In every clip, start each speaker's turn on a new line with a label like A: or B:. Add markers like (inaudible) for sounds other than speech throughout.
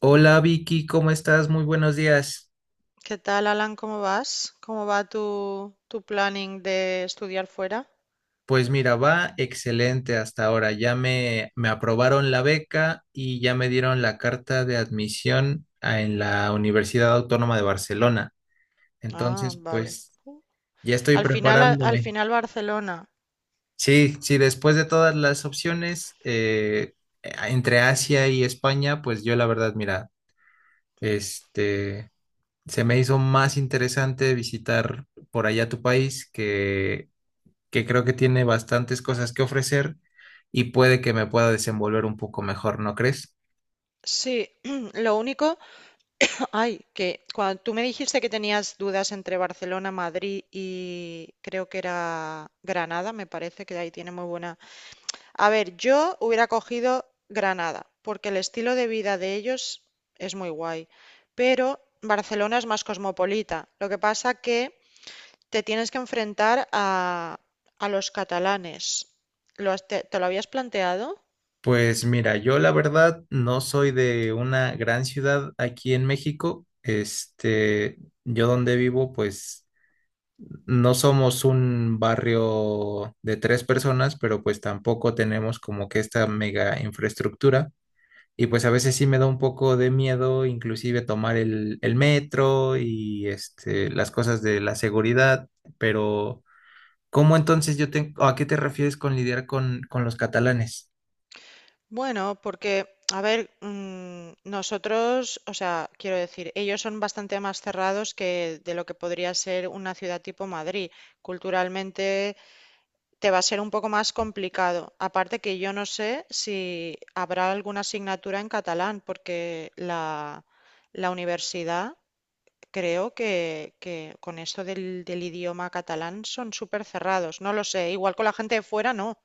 A: Hola Vicky, ¿cómo estás? Muy buenos días.
B: ¿Qué tal, Alan? ¿Cómo vas? ¿Cómo va tu planning de estudiar fuera?
A: Pues mira, va excelente hasta ahora. Ya me aprobaron la beca y ya me dieron la carta de admisión en la Universidad Autónoma de Barcelona.
B: Ah,
A: Entonces,
B: vale.
A: pues
B: Uh.
A: ya estoy
B: Al final, al
A: preparándome.
B: final Barcelona.
A: Sí, sí, después de todas las opciones entre Asia y España, pues yo la verdad, mira, este, se me hizo más interesante visitar por allá tu país que creo que tiene bastantes cosas que ofrecer y puede que me pueda desenvolver un poco mejor, ¿no crees?
B: Sí, (clears throat) lo único, (clears throat) ay, que cuando tú me dijiste que tenías dudas entre Barcelona, Madrid y creo que era Granada, me parece que ahí tiene muy buena. A ver, yo hubiera cogido Granada, porque el estilo de vida de ellos es muy guay, pero Barcelona es más cosmopolita. Lo que pasa que te tienes que enfrentar a los catalanes. ¿Lo has- te lo habías planteado?
A: Pues mira, yo la verdad no soy de una gran ciudad aquí en México. Yo donde vivo, pues no somos un barrio de tres personas, pero pues tampoco tenemos como que esta mega infraestructura. Y pues a veces sí me da un poco de miedo, inclusive tomar el metro y las cosas de la seguridad, pero. ¿Cómo entonces a qué te refieres con lidiar con los catalanes?
B: Bueno, porque, a ver, nosotros, o sea, quiero decir, ellos son bastante más cerrados que de lo que podría ser una ciudad tipo Madrid. Culturalmente te va a ser un poco más complicado. Aparte que yo no sé si habrá alguna asignatura en catalán, porque la universidad. Creo que con esto del idioma catalán son súper cerrados. No lo sé. Igual con la gente de fuera, no.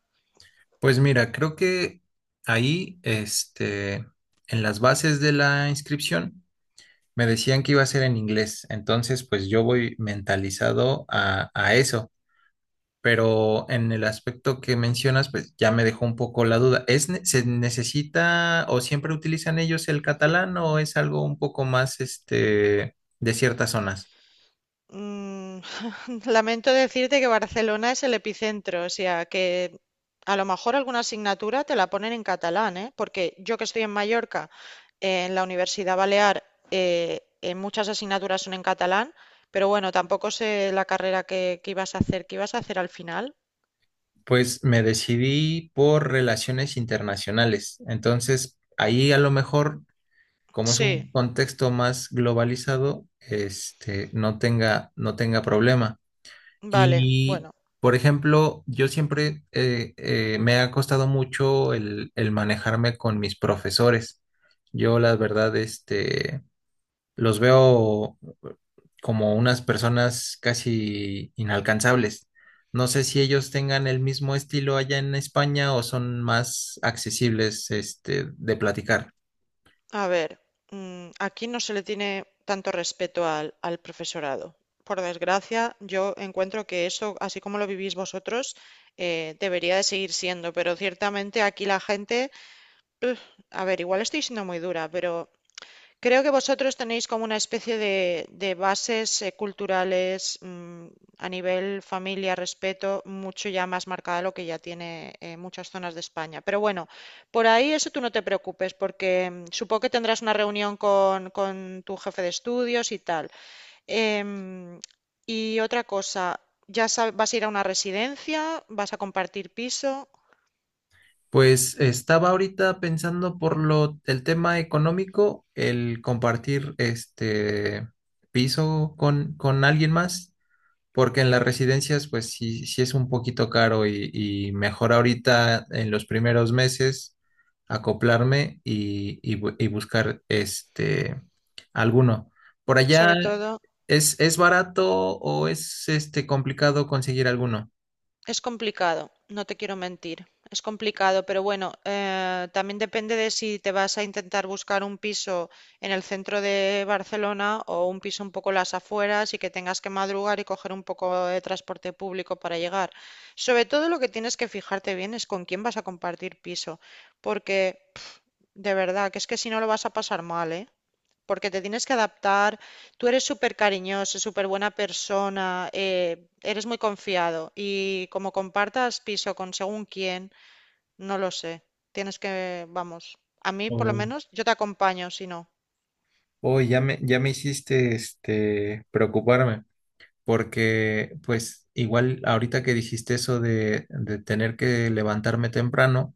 A: Pues mira, creo que ahí, este, en las bases de la inscripción, me decían que iba a ser en inglés, entonces pues yo voy mentalizado a eso, pero en el aspecto que mencionas, pues ya me dejó un poco la duda. Se necesita o siempre utilizan ellos el catalán o es algo un poco más, de ciertas zonas?
B: Mm, (laughs) lamento decirte que Barcelona es el epicentro. O sea, que a lo mejor alguna asignatura te la ponen en catalán, ¿eh? Porque yo que estoy en Mallorca, en la Universidad Balear, muchas asignaturas son en catalán. Pero bueno, tampoco sé la carrera que ibas a hacer. ¿Qué ibas a hacer al final?
A: Pues me decidí por relaciones internacionales. Entonces, ahí a lo mejor, como es
B: Sí,
A: un contexto más globalizado, no tenga problema.
B: vale.
A: Y,
B: Bueno.
A: por ejemplo, yo siempre me ha costado mucho el manejarme con mis profesores. Yo, la verdad, los veo como unas personas casi inalcanzables. No sé si ellos tengan el mismo estilo allá en España o son más accesibles, de platicar.
B: A ver, aquí no se le tiene tanto respeto al profesorado. Por desgracia, yo encuentro que eso, así como lo vivís vosotros, debería de seguir siendo, pero ciertamente aquí la gente, a ver, igual estoy siendo muy dura, pero creo que vosotros tenéis como una especie de bases culturales, a nivel familia, respeto, mucho ya más marcada lo que ya tiene, muchas zonas de España. Pero bueno, por ahí eso tú no te preocupes, porque, supongo que tendrás una reunión con tu jefe de estudios y tal. Em, y otra cosa, ¿ya sab- vas a ir a una residencia? ¿Vas a compartir piso?
A: Pues estaba ahorita pensando por lo el tema económico, el compartir este piso con alguien más. Porque en las residencias, pues sí, sí es un poquito caro y mejor ahorita en los primeros meses acoplarme y buscar alguno. Por allá,
B: Sobre todo.
A: ¿es barato o es complicado conseguir alguno?
B: Es complicado, no te quiero mentir. Es complicado, pero bueno, también depende de si te vas a intentar buscar un piso en el centro de Barcelona o un piso un poco en las afueras y que tengas que madrugar y coger un poco de transporte público para llegar. Sobre todo lo que tienes que fijarte bien es con quién vas a compartir piso, porque pf, de verdad que es que si no lo vas a pasar mal, ¿eh? Porque te tienes que adaptar. Tú eres súper cariñoso, súper buena persona, eres muy confiado y como compartas piso con según quién, no lo sé. Tienes que, vamos, a mí por lo
A: Oh,
B: menos yo te acompaño, si no.
A: oh, ya me hiciste preocuparme, porque pues igual ahorita que dijiste eso de tener que levantarme temprano.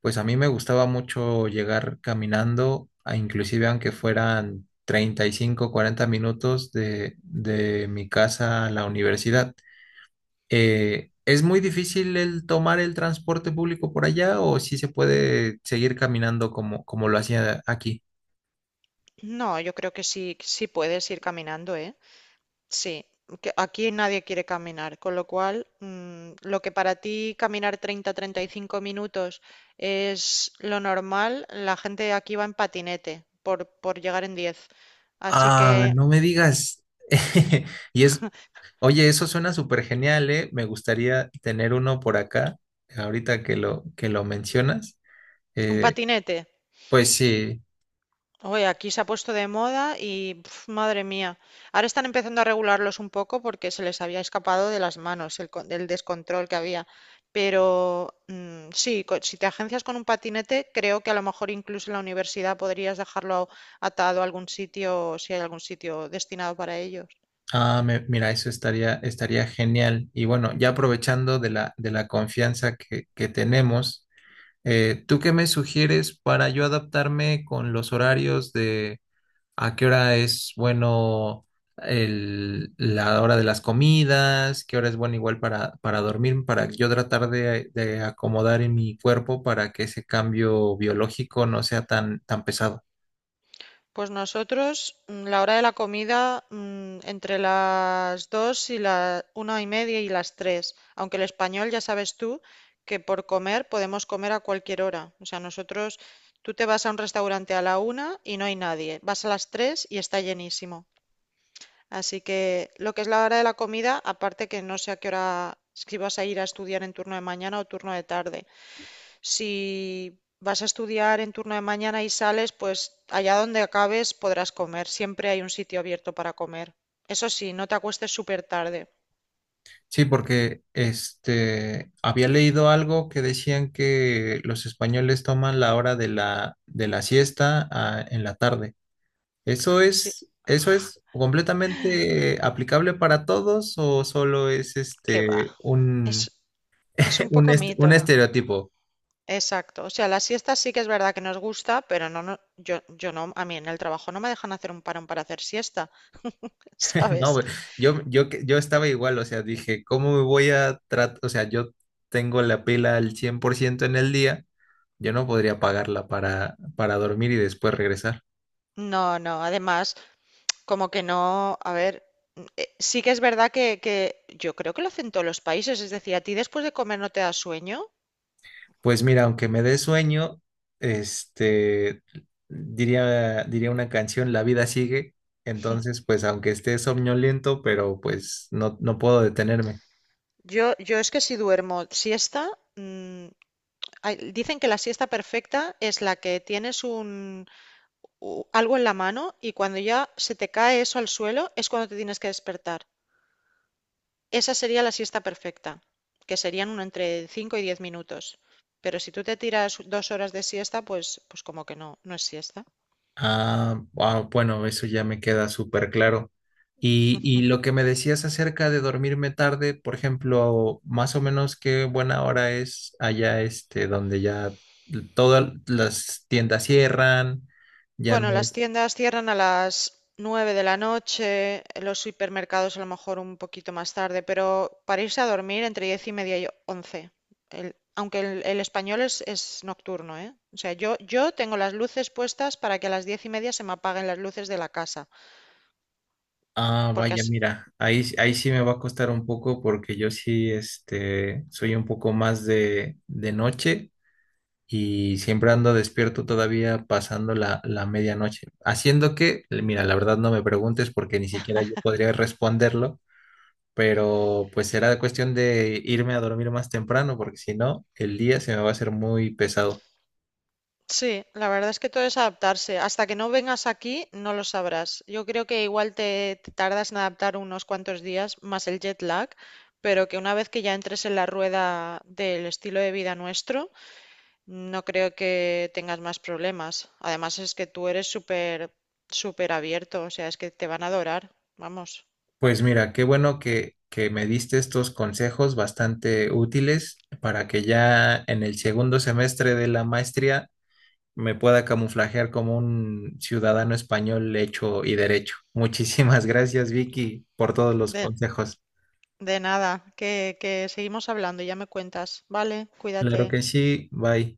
A: Pues a mí me gustaba mucho llegar caminando, a inclusive aunque fueran 35, 40 minutos de mi casa a la universidad. ¿Es muy difícil el tomar el transporte público por allá o si se puede seguir caminando como lo hacía aquí?
B: No, yo creo que sí, sí puedes ir caminando, ¿eh? Sí, que aquí nadie quiere caminar, con lo cual, lo que para ti caminar 35 minutos es lo normal, la gente aquí va en patinete por llegar en 10. Así
A: Ah,
B: que
A: no me digas. (laughs) Y es, oye, eso suena súper genial, ¿eh? Me gustaría tener uno por acá, ahorita que lo mencionas.
B: un
A: Eh,
B: patinete.
A: pues sí.
B: Oye, aquí se ha puesto de moda y pf, madre mía. Ahora están empezando a regularlos un poco porque se les había escapado de las manos el, el descontrol que había. Pero, sí, si te agencias con un patinete, creo que a lo mejor incluso en la universidad podrías dejarlo atado a algún sitio, si hay algún sitio destinado para ellos.
A: Ah, mira, eso estaría genial. Y bueno, ya aprovechando de la confianza que tenemos, ¿tú qué me sugieres para yo adaptarme con los horarios de a qué hora es bueno la hora de las comidas, qué hora es bueno igual para dormir, para yo tratar de acomodar en mi cuerpo para que ese cambio biológico no sea tan, tan pesado?
B: Pues nosotros, la hora de la comida, entre las 2 y la 1:30 y las 3. Aunque el español ya sabes tú que por comer podemos comer a cualquier hora. O sea, nosotros, tú te vas a un restaurante a la 1 y no hay nadie. Vas a las 3 y está llenísimo. Así que lo que es la hora de la comida, aparte que no sé a qué hora, si vas a ir a estudiar en turno de mañana o turno de tarde. Si vas a estudiar en turno de mañana y sales, pues allá donde acabes podrás comer. Siempre hay un sitio abierto para comer. Eso sí, no te acuestes súper tarde.
A: Sí, porque había leído algo que decían que los españoles toman la hora de la siesta en la tarde. ¿Eso
B: Sí,
A: es eso es completamente aplicable para todos o solo es
B: que va. Es,
A: un
B: es
A: (laughs)
B: un poco
A: un
B: mito.
A: estereotipo?
B: Exacto. O sea, las siestas sí que es verdad que nos gusta, pero no, no, yo no, a mí en el trabajo no me dejan hacer un parón para hacer siesta, (laughs)
A: (laughs) No,
B: ¿sabes?
A: güey, yo estaba igual, o sea, dije, ¿cómo me voy a tratar? O sea, yo tengo la pila al 100% en el día, yo no podría pagarla para dormir y después regresar.
B: No, no. Además, como que no, a ver, sí que es verdad que yo creo que lo hacen todos los países. Es decir, a ti después de comer no te da sueño.
A: Pues mira, aunque me dé sueño, este, diría una canción, La vida sigue. Entonces, pues aunque esté somnoliento, pero pues no, no puedo detenerme.
B: Yo es que si duermo siesta, mm, hay- dicen que la siesta perfecta es la que tienes algo en la mano y cuando ya se te cae eso al suelo es cuando te tienes que despertar. Esa sería la siesta perfecta, que serían uno entre 5 y 10 minutos. Pero si tú te tiras 2 horas de siesta, pues, pues como que no, no es siesta.
A: Ah, ah, bueno, eso ya me queda súper claro. Y lo que me decías acerca de dormirme tarde, por ejemplo, más o menos qué buena hora es allá donde ya todas las tiendas cierran, ya no.
B: Bueno, las tiendas cierran a las 9 de la noche, los supermercados a lo mejor un poquito más tarde, pero para irse a dormir entre 10:30 y 11. El- aunque el español es nocturno, ¿eh? O sea, yo tengo las luces puestas para que a las 10:30 se me apaguen las luces de la casa,
A: Ah,
B: porque
A: vaya, mira, ahí sí me va a costar un poco porque yo sí, soy un poco más de noche y siempre ando despierto todavía pasando la medianoche. Haciendo que, mira, la verdad no me preguntes porque ni siquiera yo podría responderlo, pero pues será cuestión de irme a dormir más temprano porque si no, el día se me va a hacer muy pesado.
B: sí, la verdad es que todo es adaptarse. Hasta que no vengas aquí, no lo sabrás. Yo creo que igual te tardas en adaptar unos cuantos días más el jet lag, pero que una vez que ya entres en la rueda del estilo de vida nuestro, no creo que tengas más problemas. Además es que tú eres súper, súper abierto, o sea, es que te van a adorar. Vamos,
A: Pues mira, qué bueno que me diste estos consejos bastante útiles para que ya en el segundo semestre de la maestría me pueda camuflajear como un ciudadano español hecho y derecho. (laughs) Muchísimas gracias, Vicky, por todos los
B: de,
A: consejos.
B: de nada, que seguimos hablando y ya me cuentas. Vale,
A: Claro
B: cuídate.
A: que sí, bye.